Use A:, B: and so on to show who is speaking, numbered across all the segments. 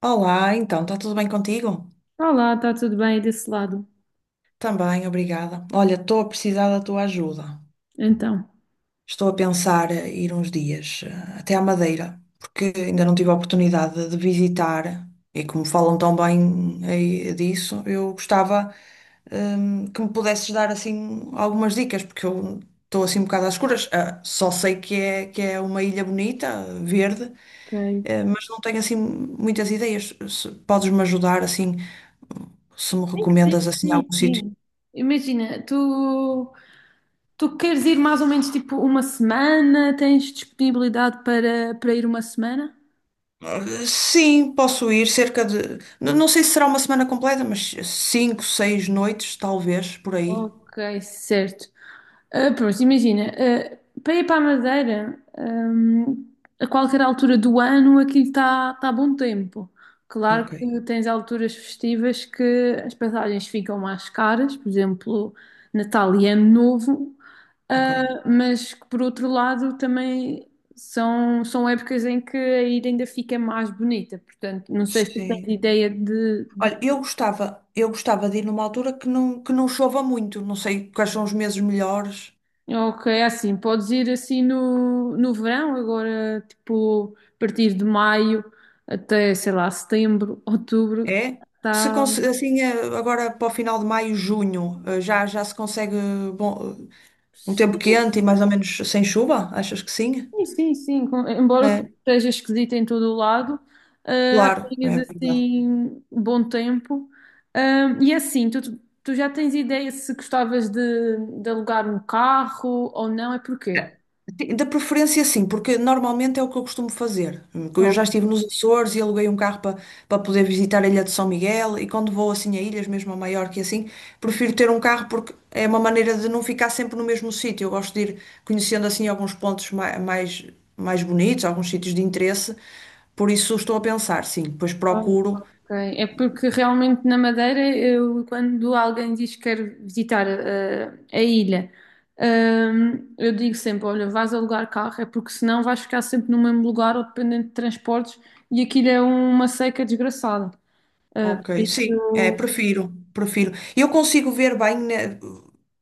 A: Olá, então, está tudo bem contigo?
B: Olá, está tudo bem desse lado?
A: Também, obrigada. Olha, estou a precisar da tua ajuda.
B: Então,
A: Estou a pensar ir uns dias até à Madeira, porque ainda não tive a oportunidade de visitar e como falam tão bem aí disso, eu gostava que me pudesses dar assim algumas dicas, porque eu estou assim um bocado às escuras. Ah, só sei que é uma ilha bonita, verde,
B: ok.
A: mas não tenho assim muitas ideias. Podes-me ajudar assim, se me
B: Tem que ser,
A: recomendas assim
B: sim,
A: algum sítio?
B: sim. Imagina, tu, tu queres ir mais ou menos tipo uma semana? Tens disponibilidade para ir uma semana?
A: Sim, posso ir cerca de. Não sei se será uma semana completa, mas cinco, seis noites, talvez, por aí.
B: Ok, certo. Ah, pronto, imagina, ah, para ir para a Madeira, a qualquer altura do ano aquilo está bom tempo. Claro
A: Ok,
B: que tens alturas festivas que as passagens ficam mais caras, por exemplo, Natal e Ano Novo,
A: ok.
B: ah, mas que por outro lado também são, são épocas em que a ilha ainda fica mais bonita. Portanto, não sei se tens
A: Sim.
B: ideia de
A: Olha, eu gostava de ir numa altura que não chova muito. Não sei quais são os meses melhores.
B: ok, é assim, podes ir assim no verão, agora, tipo, a partir de maio até, sei lá, setembro, outubro,
A: É? Se
B: tá...
A: conse- assim, agora para o final de maio, junho, já se consegue bom, um tempo
B: Sim,
A: quente e mais ou menos sem chuva? Achas que sim?
B: sim, sim, sim. Embora o tempo
A: É,
B: esteja esquisito em todo o lado, ah,
A: claro, é
B: apanhas
A: verdade.
B: assim bom tempo. Ah, e é assim, tu, tu já tens ideia se gostavas de alugar um carro ou não, é porquê?
A: Sim, da preferência, sim, porque normalmente é o que eu costumo fazer. Eu já estive nos Açores e aluguei um carro para poder visitar a Ilha de São Miguel. E quando vou assim a ilhas, mesmo a Maiorca e assim, prefiro ter um carro porque é uma maneira de não ficar sempre no mesmo sítio. Eu gosto de ir conhecendo assim alguns pontos mais bonitos, alguns sítios de interesse. Por isso estou a pensar, sim, depois
B: Ah,
A: procuro.
B: ok. É porque realmente na Madeira, eu, quando alguém diz que quer visitar a ilha, eu digo sempre: olha, vais alugar carro, é porque senão vais ficar sempre no mesmo lugar ou dependente de transportes e aquilo é uma seca desgraçada. Por
A: Ok, sim, é,
B: isso,
A: prefiro, prefiro. Eu consigo ver bem, né,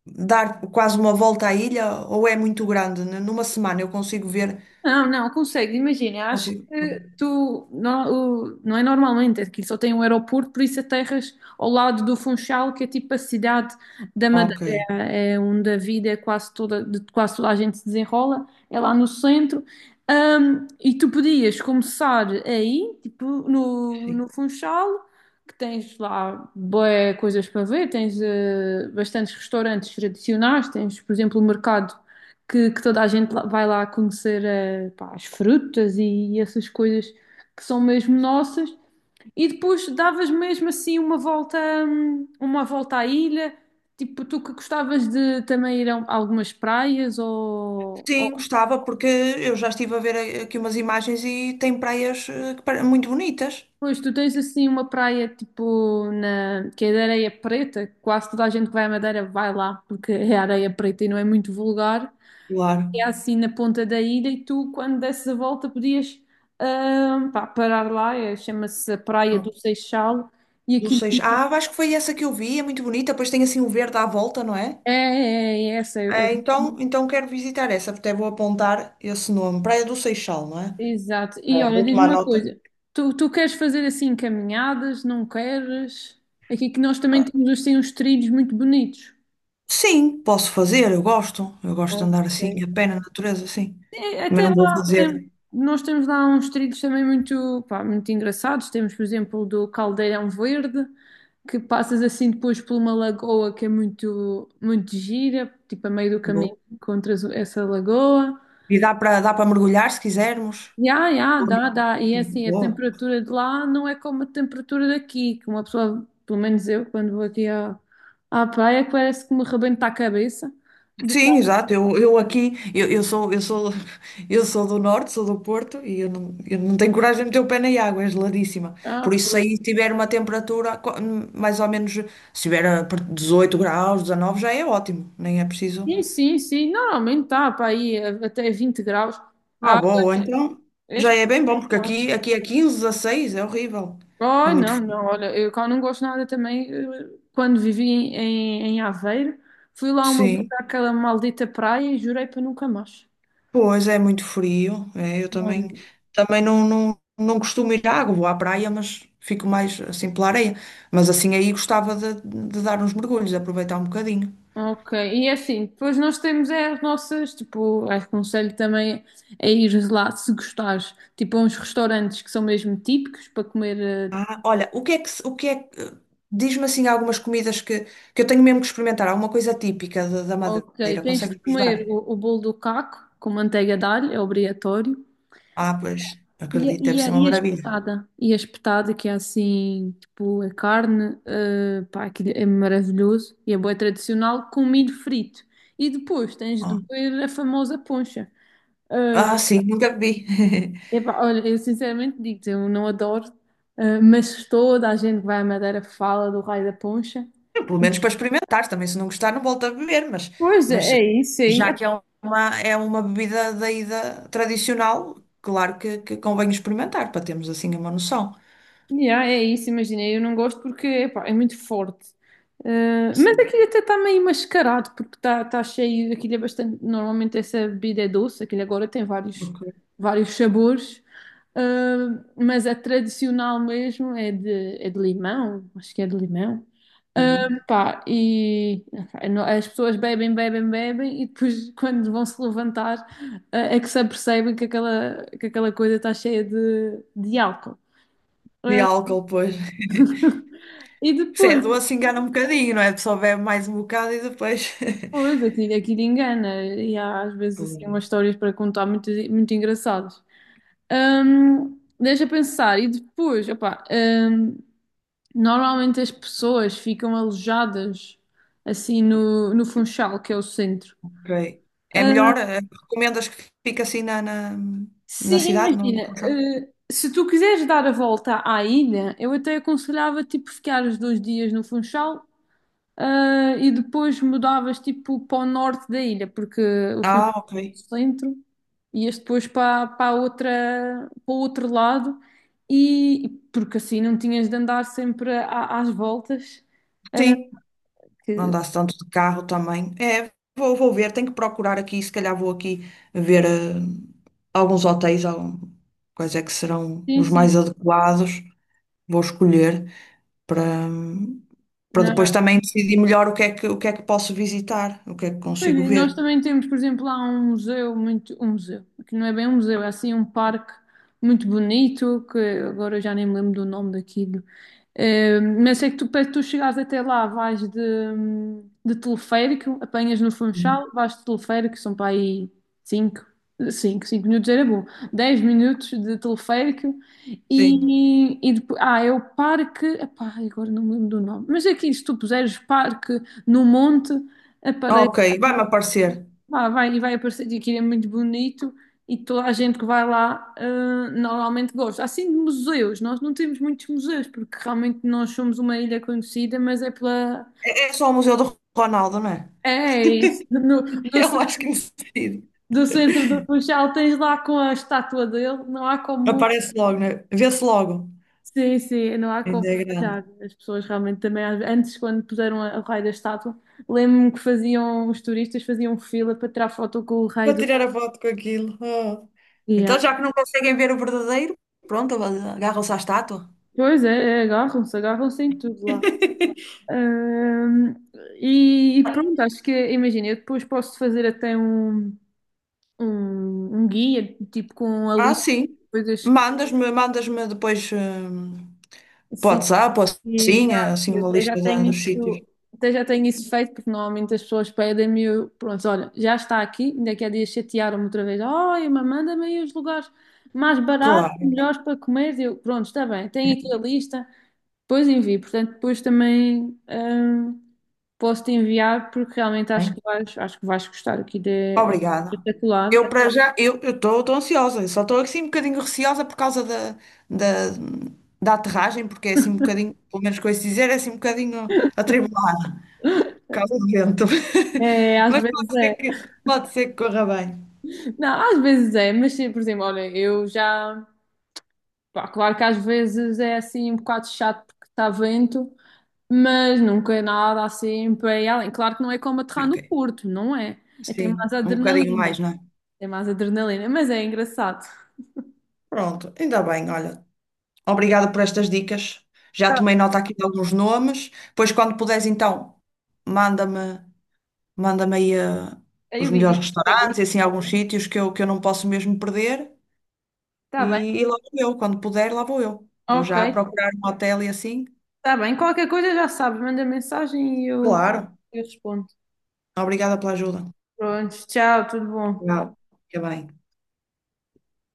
A: dar quase uma volta à ilha ou é muito grande? Né? Numa semana eu consigo ver,
B: não, não, consegue, imagina, acho
A: consigo.
B: que tu, não, não é normalmente, aqui só tem um aeroporto, por isso aterras ao lado do Funchal, que é tipo a cidade da Madeira,
A: Ok,
B: é onde a vida é quase toda, de quase toda a gente se desenrola, é lá no centro. E tu podias começar aí, tipo, no,
A: sim.
B: no Funchal, que tens lá boas coisas para ver, tens bastantes restaurantes tradicionais, tens, por exemplo, o mercado que toda a gente vai lá conhecer pá, as frutas e essas coisas que são mesmo nossas. E depois davas mesmo assim uma volta à ilha. Tipo, tu que gostavas de também ir a algumas praias ou
A: Sim, gostava porque eu já estive a ver aqui umas imagens e tem praias muito bonitas.
B: pois tu tens assim uma praia tipo na que é de areia preta, quase toda a gente que vai à Madeira vai lá porque é areia preta e não é muito vulgar.
A: Claro.
B: É assim na ponta da ilha e tu, quando desses a volta, podias ah, pá, parar lá, chama-se a Praia
A: Não
B: do Seixal, e
A: não
B: aquilo
A: sei. Ah, acho que foi essa que eu vi, é muito bonita, pois tem assim o verde à volta, não é?
B: é, é, é essa,
A: É, então quero visitar essa, até vou apontar esse nome. Praia do Seixal, não é?
B: exato. E
A: É,
B: olha,
A: vou
B: diz-me
A: tomar
B: uma
A: nota.
B: coisa, tu, tu queres fazer assim caminhadas, não queres? Aqui que nós também temos assim uns trilhos muito bonitos.
A: Sim, posso fazer, eu gosto. Eu gosto de andar assim,
B: Ok.
A: a pé na natureza, sim.
B: É,
A: Mas
B: até
A: não vou
B: lá,
A: fazer.
B: nós temos lá uns trilhos também muito, pá, muito engraçados. Temos, por exemplo, o do Caldeirão Verde, que passas assim depois por uma lagoa que é muito, muito gira, tipo a meio do caminho
A: Vou.
B: encontras essa lagoa.
A: E dá para mergulhar se quisermos.
B: Ya, ya, dá, dá. E é
A: Sim,
B: assim, a
A: boa.
B: temperatura de lá não é como a temperatura daqui, que uma pessoa, pelo menos eu, quando vou aqui à, à praia, parece que me rebenta a cabeça. De...
A: Sim, exato. Eu aqui, eu sou, eu sou do norte, sou do Porto e eu não tenho coragem de meter o pé na água, é geladíssima.
B: ah,
A: Por isso, se
B: pois.
A: aí tiver uma temperatura mais ou menos, se tiver a 18 graus, 19, já é ótimo. Nem é preciso.
B: Sim, sim, sim. Normalmente está para aí até 20 graus.
A: Ah,
B: A água
A: boa,
B: é
A: então
B: é
A: já é bem bom, porque
B: espetacular.
A: aqui, aqui é 15, 16, é horrível. É
B: Oh,
A: muito
B: não, não.
A: frio.
B: Olha, eu cá não gosto nada também. Quando vivi em, em, em Aveiro, fui lá uma vez
A: Sim,
B: àquela maldita praia e jurei para nunca mais.
A: pois é muito frio. É, eu
B: Não.
A: também, não costumo ir à água, vou à praia, mas fico mais assim pela areia. Mas assim aí gostava de dar uns mergulhos, aproveitar um bocadinho.
B: Ok, e é assim, depois nós temos é as nossas, tipo, aconselho também a ir lá se gostares, tipo, a uns restaurantes que são mesmo típicos para comer. eh,
A: Ah, olha, o que é que, se- o que é que, diz-me assim algumas comidas que eu tenho mesmo que experimentar, alguma coisa típica da
B: Ok,
A: Madeira,
B: tens de
A: consegues-me ajudar?
B: comer o bolo do caco com manteiga de alho, é obrigatório.
A: Ah, pois,
B: E a,
A: acredito, deve ser uma
B: e a
A: maravilha.
B: espetada? E a espetada que é assim, tipo, a carne, pá, aquilo é maravilhoso e é bué tradicional com milho frito. E depois tens de
A: Ah.
B: beber a famosa poncha. Eh,
A: Ah, sim, nunca bebi.
B: Epá, olha, eu sinceramente digo-te, eu não adoro, mas toda a gente que vai à Madeira fala do raio da poncha.
A: Pelo menos para experimentar também. Se não gostar, não volto a beber, mas,
B: Pois
A: mas
B: é, é isso aí.
A: já que é é uma bebida daí tradicional, claro que convém experimentar para termos assim uma noção.
B: Yeah, é isso, imaginei. Eu não gosto porque epá, é muito forte. Eh, mas
A: Sim.
B: aquilo até está meio mascarado porque está cheio. Aquilo é bastante. Normalmente essa bebida é doce, aquilo agora tem vários,
A: Ok.
B: vários sabores. Eh, mas a tradicional mesmo é de limão, acho que é de limão. Eh,
A: Uhum.
B: Pá, e epá, as pessoas bebem, bebem, bebem e depois quando vão se levantar é que se apercebem que aquela coisa está cheia de álcool.
A: De
B: Eh,
A: álcool, pois.
B: e
A: Se é
B: depois,
A: doce, engana um bocadinho, não é? A pessoa bebe mais um bocado e depois.
B: depois aquilo, aquilo engana. E há às vezes assim umas histórias para contar muito, muito engraçadas. Deixa pensar. E depois, opá, normalmente as pessoas ficam alojadas assim no Funchal, que é o centro.
A: Ok. É melhor?
B: Ah,
A: Recomendas que fique assim na
B: sim,
A: cidade, no
B: imagina.
A: Funchal?
B: Ah, se tu quiseres dar a volta à ilha, eu até aconselhava tipo ficar os dois dias no Funchal. Ah, e depois mudavas tipo para o norte da ilha, porque o
A: Ah,
B: Funchal
A: ok.
B: é no centro, ias depois para a outra, para o outro lado, e porque assim não tinhas de andar sempre às voltas. Ah,
A: Sim. Não
B: que-
A: dá-se tanto de carro também. É, vou ver, tenho que procurar aqui, se calhar vou aqui ver alguns hotéis, algum, quais é que serão
B: sim,
A: os
B: sim.
A: mais adequados, vou escolher para, depois
B: Na-
A: também decidir melhor o que é que posso visitar, o que é que
B: Pois,
A: consigo
B: e nós
A: ver.
B: também temos, por exemplo, lá um museu, muito, um museu, que não é bem um museu, é assim um parque muito bonito, que agora eu já nem me lembro do nome daquilo. Mas sei que tu, para tu chegares até lá, vais de teleférico, apanhas no
A: Uhum.
B: Funchal, vais de teleférico, são para aí 5 cinco minutos era bom, 10 minutos de teleférico
A: Sim.
B: e depois, ah, é o parque, epá, agora não me lembro do nome, mas é que se tu puseres parque no monte,
A: Ok,
B: aparece.
A: vai-me aparecer.
B: Pá, vai e vai aparecer de aquilo é muito bonito e toda a gente que vai lá ah, normalmente gosta. Assim de museus, nós não temos muitos museus porque realmente nós somos uma ilha conhecida, mas é pela.
A: É só o Museu do Ronaldo, não é?
B: É isso, no, no
A: Eu
B: ce-
A: acho que necessito.
B: do centro do Funchal tens lá com a estátua dele, não há como.
A: Aparece logo, né? Vê-se logo.
B: Sim, sim, não há como
A: Ainda é grande.
B: falhar. As pessoas realmente também, às- antes, quando puseram o raio da estátua, lembro-me que faziam, os turistas faziam fila para tirar foto com o
A: Vou
B: raio
A: tirar
B: do.
A: a foto com aquilo. Oh.
B: Yeah.
A: Então, já que não conseguem ver o verdadeiro, pronto, agarram-se à estátua.
B: Pois é, é, agarram-se, agarram-se em tudo lá. Ahm, e, e pronto, acho que, imagina, eu depois posso fazer até um, um, um guia, tipo com a
A: Ah,
B: lista de
A: sim.
B: coisas que.
A: Mandas-me depois para o
B: Sim,
A: WhatsApp, ou
B: e,
A: assim,
B: ah, eu
A: uma
B: até já
A: lista
B: tenho
A: dos sítios.
B: isso, até já tenho isso feito, porque normalmente as pessoas pedem-me, e eu, pronto, olha, já está aqui, ainda que há dias chatearam-me outra vez, olha, mas manda-me aí os lugares mais baratos,
A: Claro,
B: melhores para comer, eu, pronto, está bem, tenho aqui a lista, depois envio, portanto, depois também posso-te enviar porque realmente
A: hein?
B: acho que vais gostar aqui de
A: Obrigada.
B: espetacular.
A: Eu para já, eu estou ansiosa, eu só estou assim um bocadinho receosa por causa da, da aterragem, porque é assim um bocadinho, pelo menos com isso dizer, é assim um bocadinho atribulado. Calo vento,
B: É, às
A: Mas
B: vezes
A: pode ser
B: é.
A: pode ser que corra bem.
B: Não, às vezes é, mas sim, por exemplo, olha, eu já. Pá, claro que às vezes é assim um bocado chato porque está vento, mas nunca é nada assim para ir além. Claro que não é como aterrar no
A: Ok.
B: Porto, não é? É, tem
A: Sim,
B: mais
A: um bocadinho mais,
B: adrenalina.
A: não é?
B: Tem mais adrenalina, mas é engraçado.
A: Pronto, ainda bem, olha. Obrigada por estas dicas. Já tomei nota aqui de alguns nomes. Pois quando puderes, então, manda-me, manda-me aí os
B: Eu
A: melhores
B: vi. Está
A: restaurantes e assim alguns sítios que eu não posso mesmo perder.
B: bem.
A: E lá vou eu, quando puder, lá vou eu. Vou
B: Ok.
A: já procurar um hotel e assim.
B: Está bem, qualquer coisa já sabe, manda mensagem e
A: Claro.
B: eu respondo.
A: Obrigada pela ajuda.
B: Pronto, tchau, tudo bom.
A: Tchau. Fica bem.